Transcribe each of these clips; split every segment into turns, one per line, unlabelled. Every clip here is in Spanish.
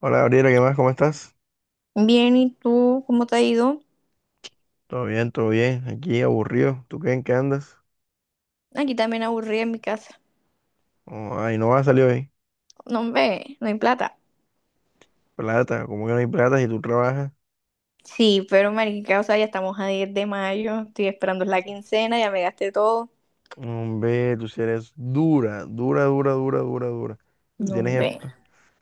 Hola Gabriela, ¿qué más? ¿Cómo estás?
Bien, ¿y tú cómo te ha ido?
Todo bien, todo bien. Aquí aburrido. ¿Tú qué en qué andas?
Aquí también aburrida en mi casa.
Oh, ay, no va, a salir hoy.
No, ve, no hay plata.
Plata, ¿cómo que no hay plata si tú trabajas?
Sí, pero marica, o sea, ya estamos a 10 de mayo, estoy esperando la quincena, ya me gasté todo.
Hombre, tú si eres dura, dura, dura, dura, dura, dura. Si Tú
No,
tienes,
ve,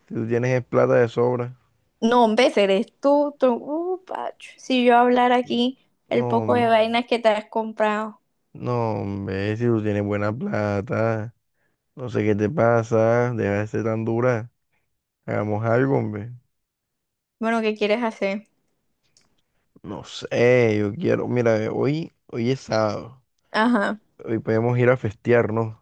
tú tienes es plata de sobra.
no, ve, eres tú, pacho. Si yo hablar
N-
aquí el poco de
No,
vainas que te has comprado,
no, hombre, si tú tienes buena plata. No sé qué te pasa. Deja de ser tan dura. Hagamos algo, hombre.
Bueno, ¿qué quieres hacer?
No sé, yo quiero. Mira, hoy, hoy es sábado.
Ajá.
Hoy podemos ir a festear, ¿no?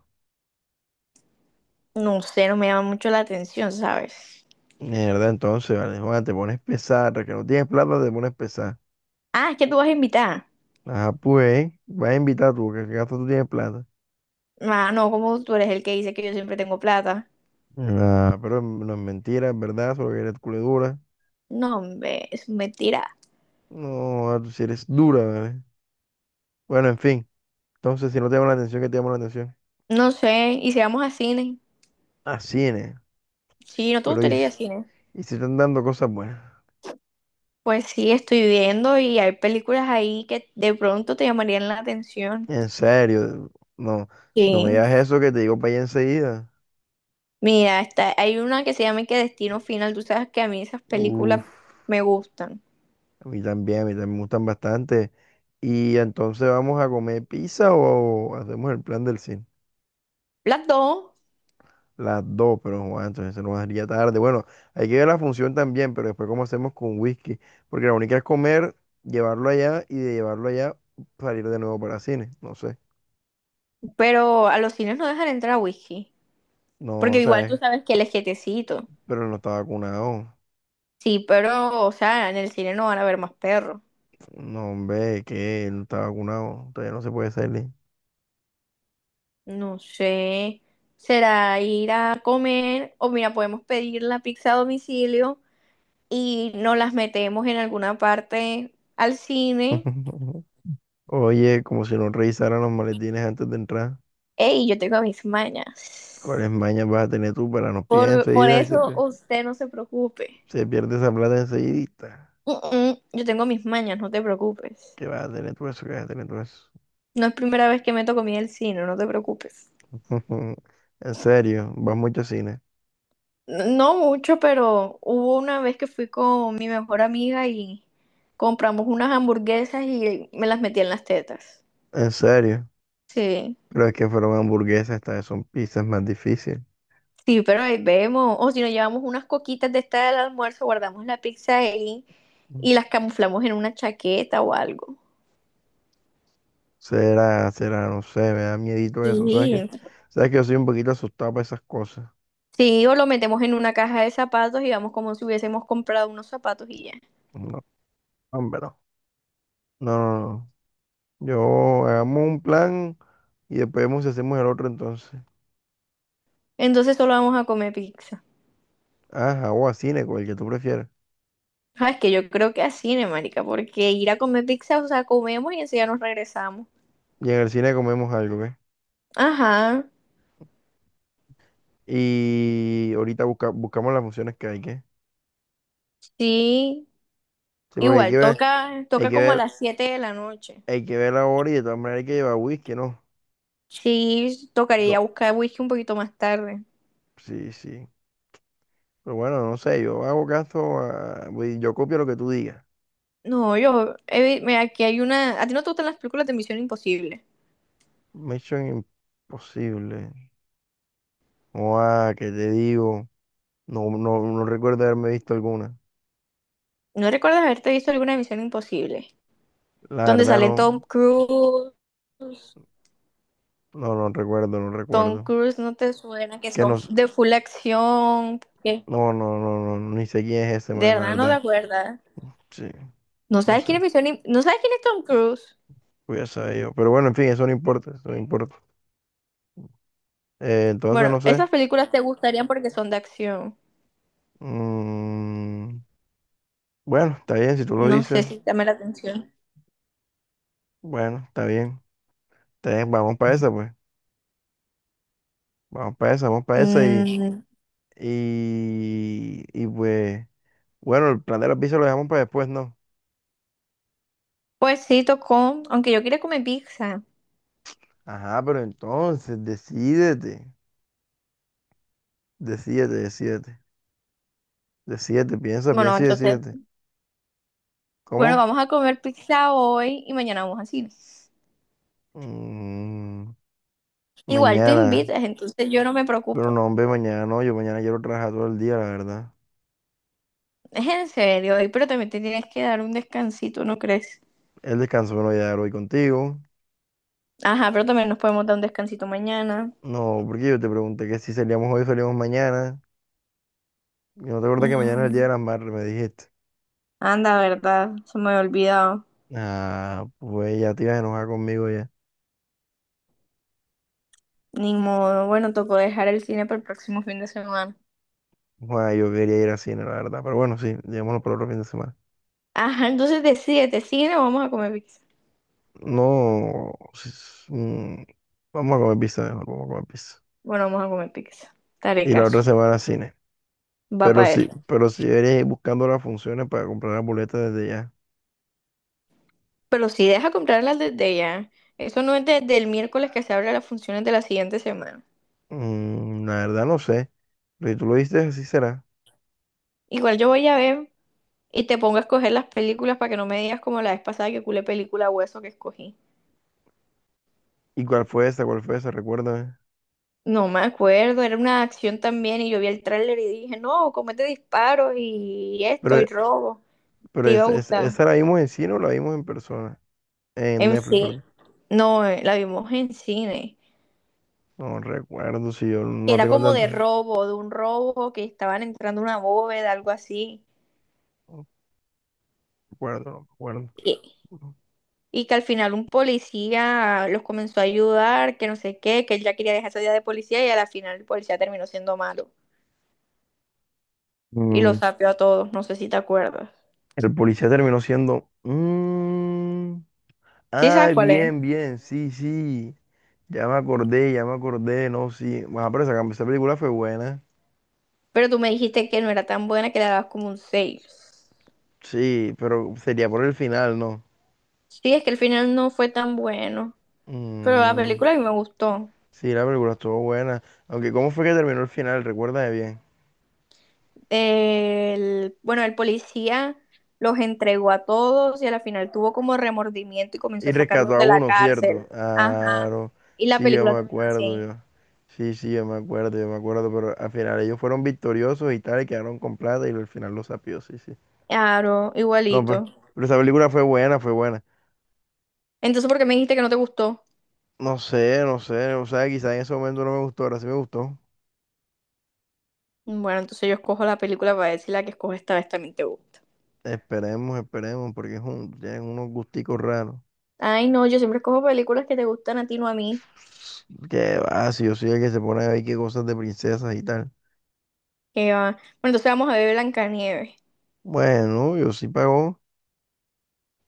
No sé, no me llama mucho la atención, ¿sabes?
Mierda, entonces, vale, Juan, te pones pesar, que no tienes plata, te pones pesar.
Ah, es que tú vas a invitar.
Ajá, pues, vas a invitar tú, que gasto tú tienes plata.
Ah, no, como tú eres el que dice que yo siempre tengo plata.
Ah, pero no es mentira, es verdad, solo que eres culo dura.
No, hombre, es mentira.
No, ah, tú sí eres dura, ¿vale? Bueno, en fin, entonces, si no te llama la atención, ¿qué te llama la atención?
No sé, y si vamos a cine.
Ah, cine,
Sí, ¿no te
pero y,
gustaría ir a
si-
cine?
y si están dando cosas buenas.
Pues sí, estoy viendo y hay películas ahí que de pronto te llamarían la atención.
En serio, no, si no me
Sí.
digas eso, que te digo para allá enseguida.
Mira, está, hay una que se llama que Destino Final. Tú sabes que a mí esas películas
Uf.
me gustan.
A mí también me gustan bastante. Y entonces vamos a comer pizza o hacemos el plan del cine.
Las dos,
Las dos, pero Juan, entonces se nos haría tarde. Bueno, hay que ver la función también, pero después cómo hacemos con whisky. Porque la única es comer, llevarlo allá y de llevarlo allá salir de nuevo para cine. No sé.
pero a los cines no dejan entrar a whisky.
No,
Porque igual tú
sabes,
sabes que el es quietecito.
pero él no está vacunado.
Sí, pero, o sea, en el cine no van a ver más perros.
No, hombre, que él no está vacunado. Todavía no se puede salir.
No sé. Será ir a comer o mira, podemos pedir la pizza a domicilio y nos las metemos en alguna parte al cine.
Oye, como si no revisaran los maletines antes de entrar.
Ey, yo tengo mis mañas.
¿Cuáles mañas vas a tener tú para nos pies
Por
enseguida y
eso usted no se preocupe.
se pierde esa plata enseguidita?
Yo tengo mis mañas, no te preocupes.
¿Qué vas a tener tú eso? ¿Qué vas a tener tú eso?
No es primera vez que meto comida al cine, no te preocupes.
En serio, vas mucho a cine.
No mucho, pero hubo una vez que fui con mi mejor amiga y compramos unas hamburguesas y me las metí en las tetas.
En serio,
Sí,
pero es que fueron hamburguesas, estas vez son pizzas más difíciles.
sí, pero ahí vemos. O si nos llevamos unas coquitas de esta del almuerzo, guardamos la pizza ahí
Mm.
y las camuflamos en una chaqueta o algo.
Será, será, no sé, me da miedito eso, ¿sabes qué?
Sí.
¿Sabes que yo soy un poquito asustado para esas cosas?
Sí, o lo metemos en una caja de zapatos y vamos como si hubiésemos comprado unos zapatos y ya.
No, hombre, no. No, no, no. Yo hagamos un plan y después vemos si hacemos el otro entonces.
Entonces solo vamos a comer pizza.
Ajá, o a cine, cual que tú prefieras.
Ah, es que yo creo que así, ¿no, marica? Porque ir a comer pizza, o sea, comemos y enseguida nos regresamos.
Y en el cine comemos algo, ¿qué?
Ajá,
Y ahorita buscamos las funciones que hay que.
sí.
Sí, porque hay
Igual,
que ver,
toca,
hay
toca
que
como a
ver,
las 7 de la noche.
hay que ver la hora y de todas maneras hay que llevar whisky, ¿no?
Sí, tocaría
Co-
buscar whisky un poquito más tarde.
Sí, sí. Pero bueno, no sé, yo hago caso a, voy- yo copio lo que tú digas.
No, yo, mira, aquí hay una. ¿A ti no te gustan las películas de Misión Imposible?
Mission Imposible. O ah, ¿qué te digo? No, no, no recuerdo haberme visto alguna.
¿No recuerdas haberte visto alguna Misión Imposible?
La
Donde
verdad
salen Tom
no,
Cruise.
no, no recuerdo, no
Tom
recuerdo.
Cruise no te suena, que
Que no,
son
s-
de full acción. ¿Qué?
no, no, no, no, ni sé quién es ese
De
man, la
verdad no te
verdad.
acuerdas.
Sí,
¿No
no
sabes
sé.
quién es Misión Im- ¿No sabes quién es Tom Cruise?
Voy a saber yo. Pero bueno, en fin, eso no importa, eso no importa. Entonces,
Bueno,
no sé.
esas películas te gustarían porque son de acción.
Mm, bueno, está bien, si tú lo
No sé
dices,
si te llama la atención.
bueno, está bien. Está bien, vamos para esa, pues. Vamos para esa y,
Mm,
y pues, bueno, el plan de la pizza lo dejamos para después, ¿no?
pues sí, tocó. Aunque yo quería comer pizza.
Ajá, pero entonces, decídete, decídete, decídete, decídete, piensa,
Bueno,
piensa y
entonces,
decídete.
bueno,
¿Cómo?
vamos a comer pizza hoy y mañana vamos a cine.
Mm,
Igual tú
mañana,
invitas, entonces yo no me
pero
preocupo.
no, hombre, mañana no, yo mañana quiero trabajar todo el día, la verdad.
Es en serio, ahí, pero también te tienes que dar un descansito, ¿no crees?
El descanso me lo voy a dar hoy contigo.
Ajá, pero también nos podemos dar un descansito mañana.
No, porque yo te pregunté que si salíamos hoy, salíamos mañana. Y no te acuerdas que mañana es el Día de
Mm,
las Madres, me dijiste.
Anda, ¿verdad? Se me había olvidado.
Ah, pues ya te ibas a enojar conmigo ya.
Ni modo. Bueno, tocó dejar el cine para el próximo fin de semana.
Bueno, yo quería ir al cine, la verdad. Pero bueno, sí, llevémoslo para otro fin de semana.
Ajá, entonces decídete, cine o vamos a comer pizza.
No, vamos a comer pizza mejor, vamos a comer pizza.
Bueno, vamos a comer pizza. Te haré
Y la otra
caso.
semana cine.
Va para él.
Pero sí deberías ir buscando las funciones para comprar las boletas desde ya.
Pero si deja comprarlas desde ya. Eso no es desde el miércoles que se abren las funciones de la siguiente semana.
Mm, la verdad no sé. Pero si tú lo viste, así será.
Igual yo voy a ver y te pongo a escoger las películas para que no me digas como la vez pasada que culé película hueso que escogí.
¿Y cuál fue esa? ¿Cuál fue esa? Recuérdame.
No me acuerdo, era una acción también y yo vi el tráiler y dije, no, comete disparos y esto y
Pero
robo.
Pero
Te iba a
es, es-
gustar.
esa la vimos en cine o la vimos en persona. En
En
Netflix,
sí,
perdón.
no, la vimos en cine.
No recuerdo si yo
Que
no
Era
tengo
como de
tanto.
robo, de un robo que estaban entrando a una bóveda, algo así.
No recuerdo, no recuerdo.
Y, y, que al final un policía los comenzó a ayudar, que no sé qué, que él ya quería dejar esa vida de policía y a la final el policía terminó siendo malo, y los
Mm,
sapeó a todos. No sé si te acuerdas.
el policía terminó siendo. Mm,
Sí
ah,
sabes cuál es.
bien, bien. Sí, sí. Ya me acordé, ya me acordé. No, sí. Bueno, pero esa película fue buena.
Pero tú me dijiste que no era tan buena que le dabas como un seis.
Sí, pero sería por el final, ¿no?
Sí, es que el final no fue tan bueno. Pero la
Mm,
película a mí me gustó.
sí, la película estuvo buena. Aunque, ¿cómo fue que terminó el final? Recuérdame bien.
El, bueno, el policía los entregó a todos y a la final tuvo como remordimiento y comenzó
Y
a
rescató
sacarlos
a
de la
uno, ¿cierto?
cárcel. Ajá.
Claro,
Y la
sí, yo
película
me
terminó
acuerdo,
así.
yo. Sí, sí, yo me acuerdo, pero al final ellos fueron victoriosos y tal, y quedaron con plata y al final los sapió, sí, sí.
Claro,
No,
igualito.
pero esa película fue buena, fue buena.
Entonces, ¿por qué me dijiste que no te gustó?
No sé, no sé, o sea, quizás en ese momento no me gustó, ahora sí me gustó.
Bueno, entonces yo escojo la película para decir la que escojo esta vez también te gusta.
Esperemos, esperemos, porque es un, tienen unos gusticos raros.
Ay, no, yo siempre cojo películas que te gustan a ti, no a mí.
Que va, si yo soy el que se pone a ver qué cosas de princesas y tal.
Que, va. Bueno, entonces vamos a ver Blancanieves.
Bueno, yo sí pagó.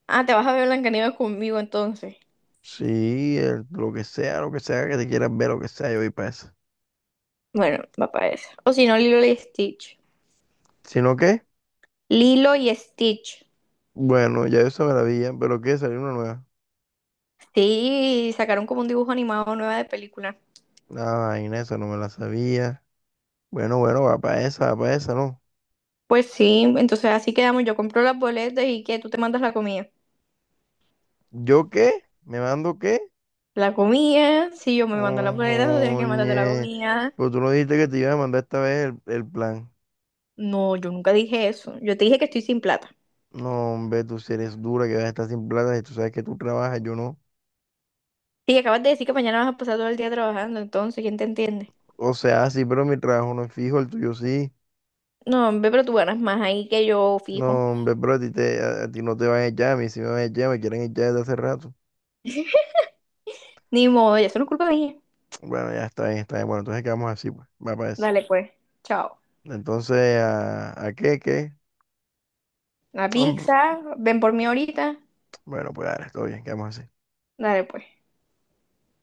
Ah, te vas a ver Blancanieves conmigo entonces.
Sí, lo que sea que te quieras ver, lo que sea, yo voy para eso.
Bueno, va para eso. O si no, Lilo y Stitch.
¿Sino qué?
Lilo y Stitch.
Bueno, ya yo se me la vi, ya, pero qué salió una nueva.
Sí, sacaron como un dibujo animado nueva de película.
Ah, vaina, esa no me la sabía. Bueno, bueno, va para esa, ¿no?
Pues sí, entonces así quedamos. Yo compro las boletas y que tú te mandas la comida.
¿Yo qué? ¿Me mando qué?
La comida, si yo me mando las boletas, tú tienes que mandarte la
Ojoñe.
comida.
Pero tú no dijiste que te iba a mandar esta vez el plan.
No, yo nunca dije eso. Yo te dije que estoy sin plata.
No, hombre, tú si eres dura, que vas a estar sin plata y tú sabes que tú trabajas, yo no.
Sí, acabas de decir que mañana vas a pasar todo el día trabajando, entonces, ¿quién te entiende?
O sea, sí, pero mi trabajo no es fijo, el tuyo sí.
No, hombre, pero tú ganas más ahí que yo, fijo.
No, hombre, pero a ti no te van a echar, a mí sí me van a echar, me quieren echar desde hace rato.
Ni modo, ya solo es culpa de ella.
Bueno, ya está bien, está bien. Bueno, entonces quedamos así, pues, va para eso.
Dale, pues. Chao.
Entonces, ¿a qué?
La
Hombre,
pizza, ven por mí ahorita.
bueno, pues ahora, todo bien, quedamos así.
Dale, pues.